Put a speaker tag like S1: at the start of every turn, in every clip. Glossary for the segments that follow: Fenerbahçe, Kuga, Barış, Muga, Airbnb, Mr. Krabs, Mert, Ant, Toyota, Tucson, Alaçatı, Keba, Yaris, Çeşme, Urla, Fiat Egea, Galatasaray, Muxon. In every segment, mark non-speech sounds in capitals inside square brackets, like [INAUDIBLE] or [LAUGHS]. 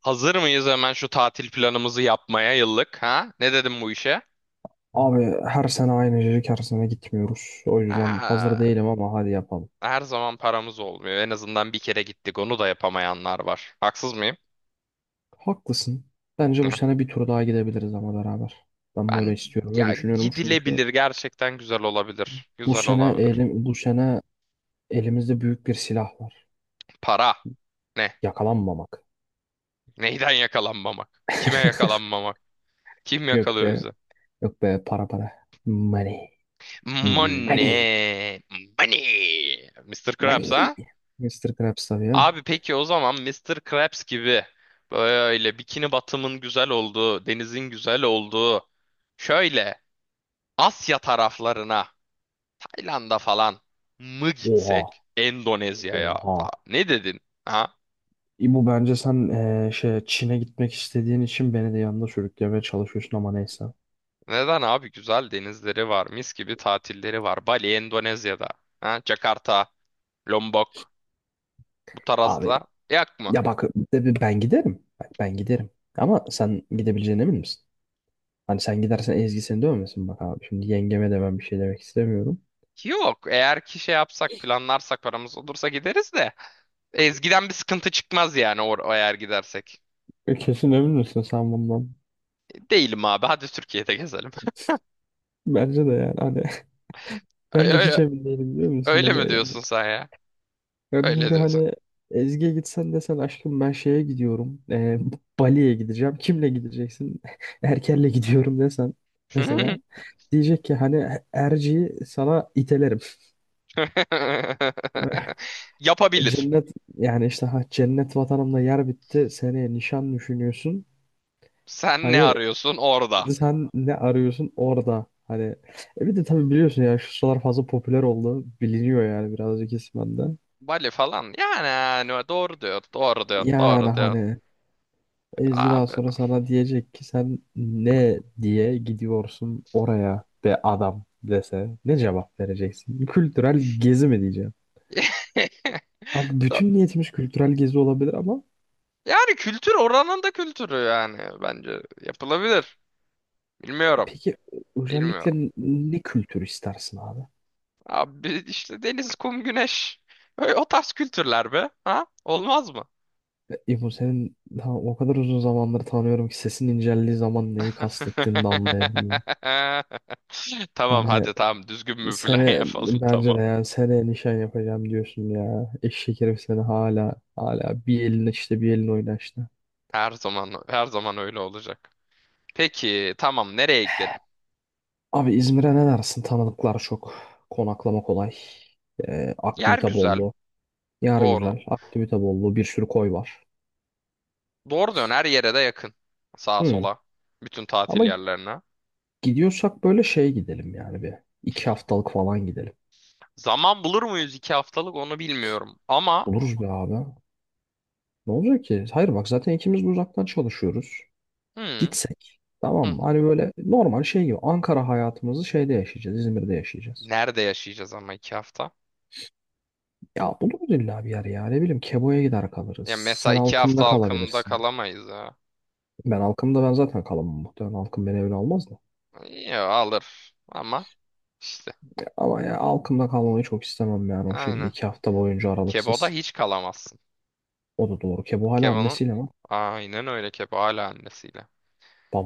S1: Hazır mıyız hemen şu tatil planımızı yapmaya yıllık ha? Ne dedim bu işe?
S2: Abi her sene aynı cacık her sene gitmiyoruz. O yüzden hazır
S1: Aa,
S2: değilim ama hadi yapalım.
S1: Her zaman paramız olmuyor. En azından bir kere gittik. Onu da yapamayanlar var. Haksız mıyım?
S2: Haklısın. Bence bu
S1: Ya,
S2: sene bir tur daha gidebiliriz ama beraber. Ben böyle
S1: Ben
S2: istiyorum ve
S1: ya
S2: düşünüyorum çünkü
S1: gidilebilir. Gerçekten güzel olabilir. Güzel olabilir.
S2: bu sene elimizde büyük bir silah var.
S1: Para. Ne?
S2: Yakalanmamak.
S1: Neyden yakalanmamak? Kime yakalanmamak? Kim
S2: Yok be,
S1: yakalıyor bizi?
S2: yok be para para. Money. Money.
S1: Money. Money. Mr. Krabs
S2: Money.
S1: ha?
S2: Mister Krabs tabii ya.
S1: Abi peki o zaman Mister Krabs gibi böyle bikini batımın güzel olduğu, denizin güzel olduğu şöyle Asya taraflarına, Tayland'a falan mı
S2: Oha.
S1: gitsek? Endonezya'ya.
S2: Oha.
S1: Ne dedin? Ha?
S2: Bu bence sen şey Çin'e gitmek istediğin için beni de yanında sürüklemeye çalışıyorsun ama neyse.
S1: Neden abi? Güzel denizleri var, mis gibi tatilleri var. Bali, Endonezya'da. Ha? Jakarta, Lombok bu
S2: Abi,
S1: tarzla yak mı?
S2: ya bak, ben giderim. Bak, ben giderim. Ama sen gidebileceğine emin misin? Hani sen gidersen Ezgi seni dövmesin bak abi. Şimdi yengeme de ben bir şey demek istemiyorum.
S1: Yok. Eğer ki şey yapsak, planlarsak, paramız olursa gideriz de. Ezgi'den bir sıkıntı çıkmaz yani or eğer gidersek.
S2: Kesin emin misin sen bundan?
S1: Değilim abi. Hadi Türkiye'de gezelim.
S2: Bence de yani hani
S1: [LAUGHS]
S2: [LAUGHS] ben
S1: Ay-
S2: de hiç
S1: ay-
S2: emin değilim biliyor musun?
S1: Öyle
S2: Hani
S1: mi
S2: yani,
S1: diyorsun sen ya?
S2: ben
S1: Öyle
S2: çünkü
S1: diyorsun.
S2: hani Ezgi'ye gitsen desen aşkım ben şeye gidiyorum. Bali'ye gideceğim. Kimle gideceksin? [LAUGHS] Erker'le gidiyorum desen mesela.
S1: [LAUGHS]
S2: Diyecek ki hani Erci'yi sana itelerim. [LAUGHS]
S1: Yapabilir.
S2: Cennet yani işte ha cennet vatanımda yer bitti. Seneye nişan düşünüyorsun.
S1: Sen ne
S2: Hani
S1: arıyorsun orada?
S2: sen ne arıyorsun orada? Hani bir de tabii biliyorsun ya şu sıralar fazla popüler oldu. Biliniyor yani birazcık ismen de.
S1: Bali falan. Yani, yani doğru diyor. Doğru diyor.
S2: Yani
S1: Doğru diyor.
S2: hani Ezgi daha
S1: Abi.
S2: sonra sana diyecek ki sen ne diye gidiyorsun oraya be adam dese ne cevap vereceksin? Kültürel gezi mi diyeceğim?
S1: [LAUGHS]
S2: Bak
S1: Do-
S2: bütün niyetimiz kültürel gezi olabilir ama
S1: Yani kültür oranın da kültürü yani. Bence yapılabilir. Bilmiyorum.
S2: peki
S1: Bilmiyorum.
S2: özellikle ne kültür istersin abi?
S1: Abi işte deniz, kum, güneş. Öyle o tarz kültürler be. Ha? Olmaz mı?
S2: İbo senin ha, o kadar uzun zamandır tanıyorum ki sesin inceldiği zaman neyi kastettiğini de anlayabiliyorum.
S1: [LAUGHS] Tamam
S2: Hani
S1: hadi tamam düzgün bir plan [LAUGHS]
S2: sene
S1: yapalım
S2: bence
S1: tamam.
S2: de yani seneye nişan yapacağım diyorsun ya. Eşek herif seni hala hala bir elin işte bir elin oyna işte.
S1: Her zaman her zaman öyle olacak. Peki tamam nereye gidelim?
S2: Abi İzmir'e ne dersin? Tanıdıklar çok. Konaklama kolay. Ee,
S1: Yer
S2: aktivite
S1: güzel,
S2: bollu. Yer
S1: doğru.
S2: güzel. Aktivite bollu. Bir sürü koy var.
S1: Doğru dön her yere de yakın. Sağa
S2: Hmm.
S1: sola bütün tatil
S2: Ama
S1: yerlerine.
S2: gidiyorsak böyle şey gidelim yani bir. İki haftalık falan gidelim.
S1: Zaman bulur muyuz iki haftalık onu bilmiyorum ama
S2: Buluruz be abi. Ne olacak ki? Hayır bak zaten ikimiz de uzaktan çalışıyoruz.
S1: hı,
S2: Gitsek
S1: hı
S2: tamam mı?
S1: hı.
S2: Hani böyle normal şey gibi Ankara hayatımızı şeyde yaşayacağız. İzmir'de yaşayacağız.
S1: Nerede yaşayacağız ama iki hafta?
S2: Ya buluruz illa bir yer ya. Ne bileyim Kebo'ya gider kalırız.
S1: Ya mesela
S2: Sen
S1: iki
S2: Alkım'da
S1: hafta halkında
S2: kalabilirsin.
S1: kalamayız ya.
S2: Ben Alkım'da ben zaten kalamam muhtemelen. Alkım beni evine almaz da.
S1: Ya alır ama işte
S2: Ama ya Alkım'da kalmayı çok istemem yani o şekilde
S1: aynen.
S2: iki hafta boyunca
S1: Kebo'da
S2: aralıksız.
S1: hiç kalamazsın.
S2: O da doğru. Kebo hala
S1: Keba'nın
S2: annesiyle mi?
S1: aynen öyle, Keba hala annesiyle.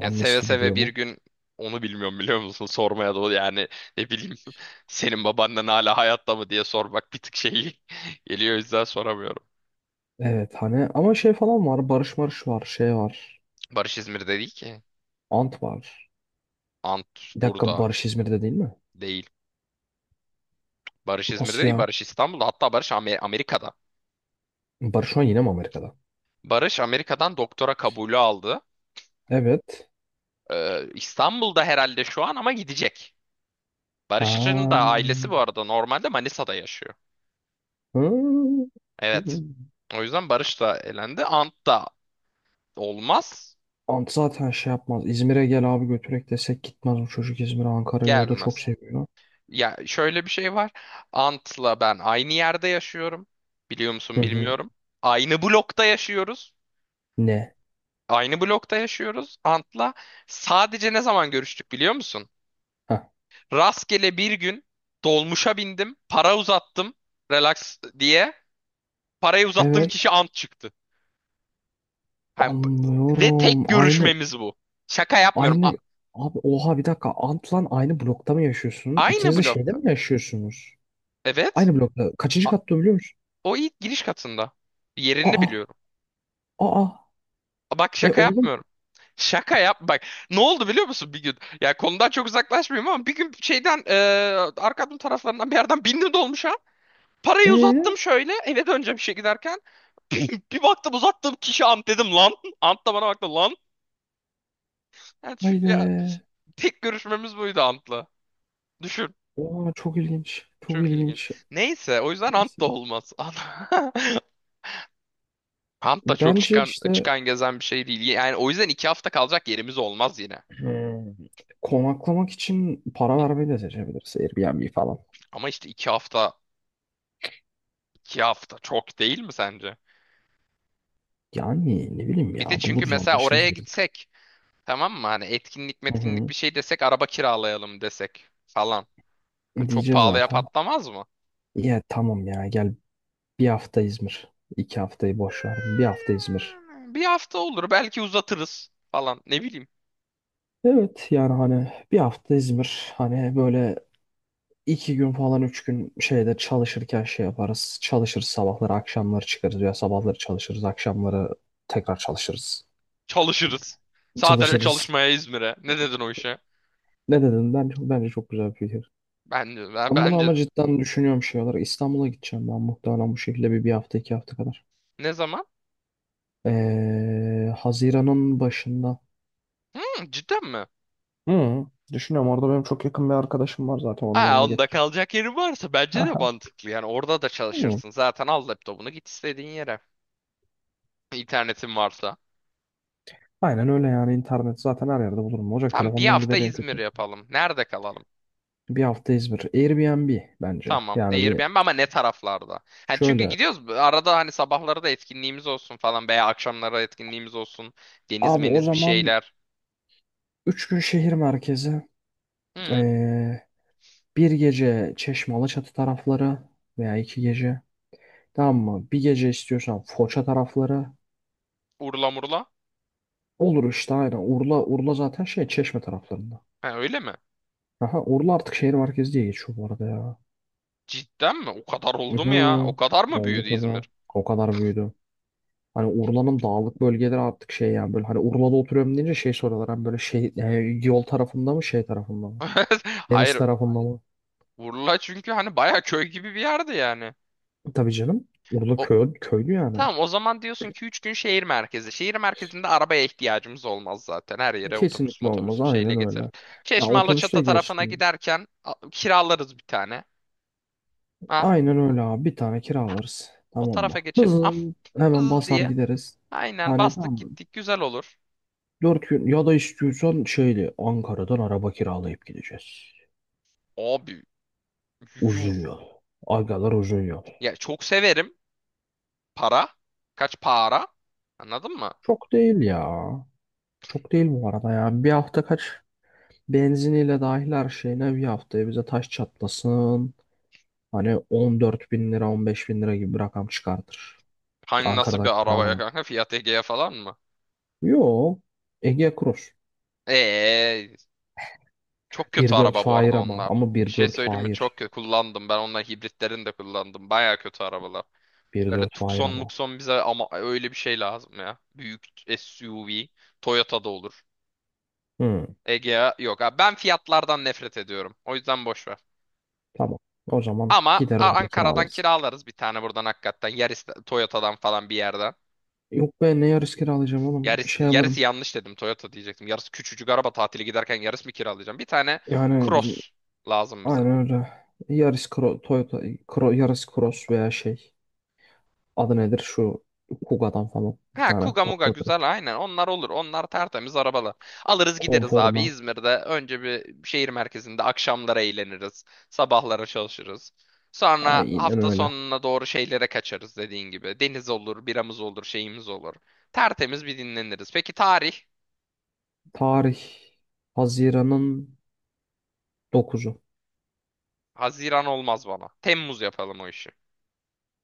S1: Yani seve
S2: de
S1: seve
S2: duruyor
S1: bir
S2: mu?
S1: gün onu bilmiyorum biliyor musun? Sormaya da yani ne bileyim [LAUGHS] senin babaannen hala hayatta mı diye sormak bir tık şey [LAUGHS] geliyor o yüzden soramıyorum.
S2: Evet hani ama şey falan var. Barış var. Şey var.
S1: Barış İzmir'de değil ki.
S2: Ant var.
S1: Antus
S2: Bir dakika
S1: burada
S2: Barış İzmir'de değil mi?
S1: değil. Barış İzmir'de
S2: Asya,
S1: değil,
S2: ya?
S1: Barış İstanbul'da, hatta Barış Amerika'da.
S2: Barış şu an yine mi Amerika'da?
S1: Barış Amerika'dan doktora kabulü aldı.
S2: Evet.
S1: İstanbul'da herhalde şu an ama gidecek. Barış'ın
S2: Ha.
S1: da ailesi bu arada normalde Manisa'da yaşıyor.
S2: Hı.
S1: Evet. O yüzden Barış da elendi. Ant da olmaz,
S2: Ant zaten şey yapmaz. İzmir'e gel abi götürek desek gitmez bu çocuk İzmir'e Ankara'yı o da çok
S1: gelmez.
S2: seviyor.
S1: Ya şöyle bir şey var. Ant'la ben aynı yerde yaşıyorum. Biliyor musun
S2: Hı hı.
S1: bilmiyorum. Aynı blokta yaşıyoruz.
S2: Ne?
S1: Aynı blokta yaşıyoruz Ant'la. Sadece ne zaman görüştük biliyor musun?
S2: Ha.
S1: Rastgele bir gün dolmuşa bindim, para uzattım, relax diye. Parayı uzattığım
S2: Evet.
S1: kişi Ant çıktı. Ha, b- ve tek
S2: Anlıyorum. Aynı
S1: görüşmemiz bu. Şaka yapmıyorum.
S2: aynı abi oha bir dakika Ant'la aynı blokta mı yaşıyorsun?
S1: Aynı
S2: İkiniz de şeyde
S1: blokta.
S2: mi yaşıyorsunuz?
S1: Evet.
S2: Aynı blokta. Kaçıncı katta biliyor musun?
S1: O ilk giriş katında. Yerini
S2: Aa.
S1: biliyorum.
S2: Aa.
S1: Bak
S2: E
S1: şaka
S2: oğlum.
S1: yapmıyorum. Şaka yap bak. Ne oldu biliyor musun bir gün? Ya konudan çok uzaklaşmayayım ama bir gün şeyden arkamın taraflarından bir yerden bindi dolmuşa. Parayı
S2: E
S1: uzattım şöyle eve döneceğim işe giderken. [LAUGHS] Bir baktım uzattığım kişi Ant, dedim lan. Ant da bana baktı lan. Yani şu,
S2: haydi.
S1: tek görüşmemiz buydu Ant'la. Düşün.
S2: Oha çok ilginç. Çok
S1: Çok ilginç.
S2: ilginç.
S1: Neyse o yüzden Ant
S2: Neyse.
S1: da olmaz. [LAUGHS] Ant da çok
S2: Bence
S1: çıkan
S2: işte
S1: çıkan gezen bir şey değil. Yani o yüzden iki hafta kalacak yerimiz olmaz yine.
S2: hmm, konaklamak için para vermeyi de seçebiliriz. Airbnb falan.
S1: Ama işte iki hafta çok değil mi sence?
S2: Yani ne bileyim
S1: Bir de
S2: ya
S1: çünkü
S2: buluruz
S1: mesela oraya
S2: anlaşırız biriyle.
S1: gitsek tamam mı? Hani etkinlik
S2: Hı
S1: metkinlik
S2: hı.
S1: bir şey desek araba kiralayalım desek falan. Yani çok
S2: Diyeceğiz
S1: pahalıya
S2: zaten.
S1: patlamaz mı?
S2: Ya tamam ya gel bir hafta İzmir. İki haftayı boş ver. Bir hafta İzmir.
S1: Yani bir hafta olur belki uzatırız falan ne bileyim.
S2: Evet yani hani bir hafta İzmir. Hani böyle iki gün falan üç gün şeyde çalışırken şey yaparız. Çalışırız sabahları akşamları çıkarız. Ya sabahları çalışırız akşamları tekrar çalışırız.
S1: Çalışırız. Sadece
S2: Çalışırız.
S1: çalışmaya İzmir'e. Ne dedin o işe?
S2: Ne dedin? Bence çok güzel bir fikir. Ben bunu
S1: Bence.
S2: ama cidden düşünüyorum şey olarak. İstanbul'a gideceğim ben muhtemelen bu şekilde bir hafta iki hafta kadar.
S1: Ne zaman?
S2: Haziran'ın başında.
S1: Hmm, cidden mi?
S2: Hı, düşünüyorum orada benim çok yakın bir arkadaşım var zaten onun
S1: Ha,
S2: yanına
S1: onda
S2: getiririm.
S1: kalacak yerin varsa bence de
S2: Aha.
S1: mantıklı. Yani orada da
S2: Hı.
S1: çalışırsın. Zaten al laptopunu git istediğin yere. İnternetin varsa.
S2: Aynen öyle yani internet zaten her yerde bulurum. Olacak
S1: Tamam bir
S2: telefondan
S1: hafta
S2: gider en
S1: İzmir
S2: kötü.
S1: yapalım. Nerede kalalım?
S2: Bir hafta İzmir. Airbnb bence.
S1: Tamam.
S2: Yani bir
S1: Airbnb ama ne taraflarda? Hani çünkü
S2: şöyle.
S1: gidiyoruz. Arada hani sabahları da etkinliğimiz olsun falan veya akşamları etkinliğimiz olsun. Deniz
S2: Abi o
S1: meniz bir
S2: zaman
S1: şeyler.
S2: 3 gün şehir merkezi.
S1: Hı,
S2: ee, bir gece Çeşme Alaçatı tarafları veya iki gece. Tamam mı? Bir gece istiyorsan Foça tarafları.
S1: Urla murla.
S2: Olur işte aynen. Urla zaten şey Çeşme taraflarında.
S1: Ha, öyle mi?
S2: Aha, Urla artık şehir merkezi diye geçiyor bu arada ya.
S1: Cidden mi? O kadar
S2: Hı.
S1: oldu mu ya? O kadar mı
S2: Oldu
S1: büyüdü İzmir?
S2: tabii. O kadar büyüdü. Hani Urla'nın dağlık bölgeleri artık şey yani böyle hani Urla'da oturuyorum deyince şey soruyorlar. Hani böyle şey yol tarafında mı şey tarafında mı?
S1: [LAUGHS]
S2: Deniz
S1: Hayır.
S2: tarafında mı?
S1: Urla çünkü hani baya köy gibi bir yerdi yani.
S2: Tabii canım. Urla
S1: O,
S2: köy, köylü yani.
S1: tamam o zaman diyorsun ki 3 gün şehir merkezi. Şehir merkezinde arabaya ihtiyacımız olmaz zaten. Her yere otobüs
S2: Kesinlikle
S1: motobüs
S2: olmaz.
S1: bir şeyle
S2: Aynen
S1: getiririz.
S2: öyle. Ya
S1: Çeşme
S2: otobüste
S1: Alaçatı tarafına
S2: geçtim.
S1: giderken kiralarız bir tane. Ha,
S2: Aynen öyle abi. Bir tane kiralarız.
S1: o
S2: Tamam
S1: tarafa
S2: mı?
S1: geçeriz. Ah,
S2: Bızın hemen
S1: bız
S2: basar
S1: diye.
S2: gideriz.
S1: Aynen
S2: Hani tamam
S1: bastık
S2: mı?
S1: gittik güzel olur.
S2: Dört gün ya da istiyorsan şeyli Ankara'dan araba kiralayıp gideceğiz.
S1: Abi yuh.
S2: Uzun yol. Agalar uzun yol.
S1: Ya çok severim. Para. Kaç para? Anladın mı?
S2: Çok değil ya. Çok değil bu arada ya. Bir hafta kaç benziniyle dahil her şeyine bir haftaya bize taş çatlasın. Hani 14.000 lira 15.000 lira gibi bir rakam çıkartır.
S1: Hani nasıl
S2: Ankara'dan
S1: bir arabaya
S2: kiralamak.
S1: kanka? Fiat Egea falan mı?
S2: Yo. Ege Cross.
S1: Eee Çok kötü
S2: 1.4
S1: araba bu
S2: fair
S1: arada
S2: ama.
S1: onlar.
S2: Ama
S1: Bir
S2: bir
S1: şey
S2: dört
S1: söyleyeyim mi?
S2: fair.
S1: Çok kötü kullandım. Ben onların hibritlerini de kullandım. Baya kötü arabalar.
S2: bir
S1: Böyle
S2: dört hayır
S1: Tucson,
S2: ama.
S1: Muxon bize ama öyle bir şey lazım ya. Büyük SUV. Toyota'da olur.
S2: Hı,
S1: Egea yok. Abi ben fiyatlardan nefret ediyorum. O yüzden boş ver.
S2: tamam. O zaman
S1: Ama
S2: gider orada
S1: Ankara'dan
S2: kiralarsın.
S1: kiralarız bir tane buradan hakikaten. Yaris, Toyota'dan falan bir yerden.
S2: Yok be ne Yaris kiralayacağım oğlum. Bir şey alırım.
S1: Yaris'i yanlış dedim. Toyota diyecektim. Yaris küçücük araba, tatili giderken Yaris mi kiralayacağım? Bir tane
S2: Yani bizim
S1: Cross lazım bize.
S2: aynen öyle. Yaris Toyota Yaris Cross veya şey. Adı nedir şu Kuga'dan falan bir
S1: Ha
S2: tane
S1: Kuga Muga
S2: patlatırız.
S1: güzel, aynen onlar olur, onlar tertemiz arabalar. Alırız gideriz abi
S2: Konforla.
S1: İzmir'de önce bir şehir merkezinde akşamlara eğleniriz. Sabahlara çalışırız. Sonra
S2: Aynen
S1: hafta
S2: öyle.
S1: sonuna doğru şeylere kaçarız dediğin gibi. Deniz olur, biramız olur, şeyimiz olur. Tertemiz bir dinleniriz. Peki tarih?
S2: Tarih Haziran'ın 9'u.
S1: Haziran olmaz bana. Temmuz yapalım o işi.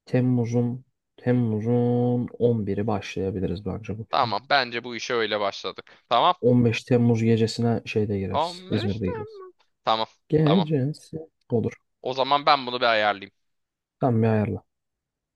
S2: Temmuz'un Temmuz'un 11'i başlayabiliriz bence bu plana.
S1: Tamam bence bu işe öyle başladık. Tamam.
S2: 15 Temmuz gecesine şeyde gireriz.
S1: 15
S2: İzmir'de gireriz.
S1: Temmuz. Tamam tamam.
S2: Gecesi olur.
S1: O zaman ben bunu bir ayarlayayım.
S2: Tam bir ayarla.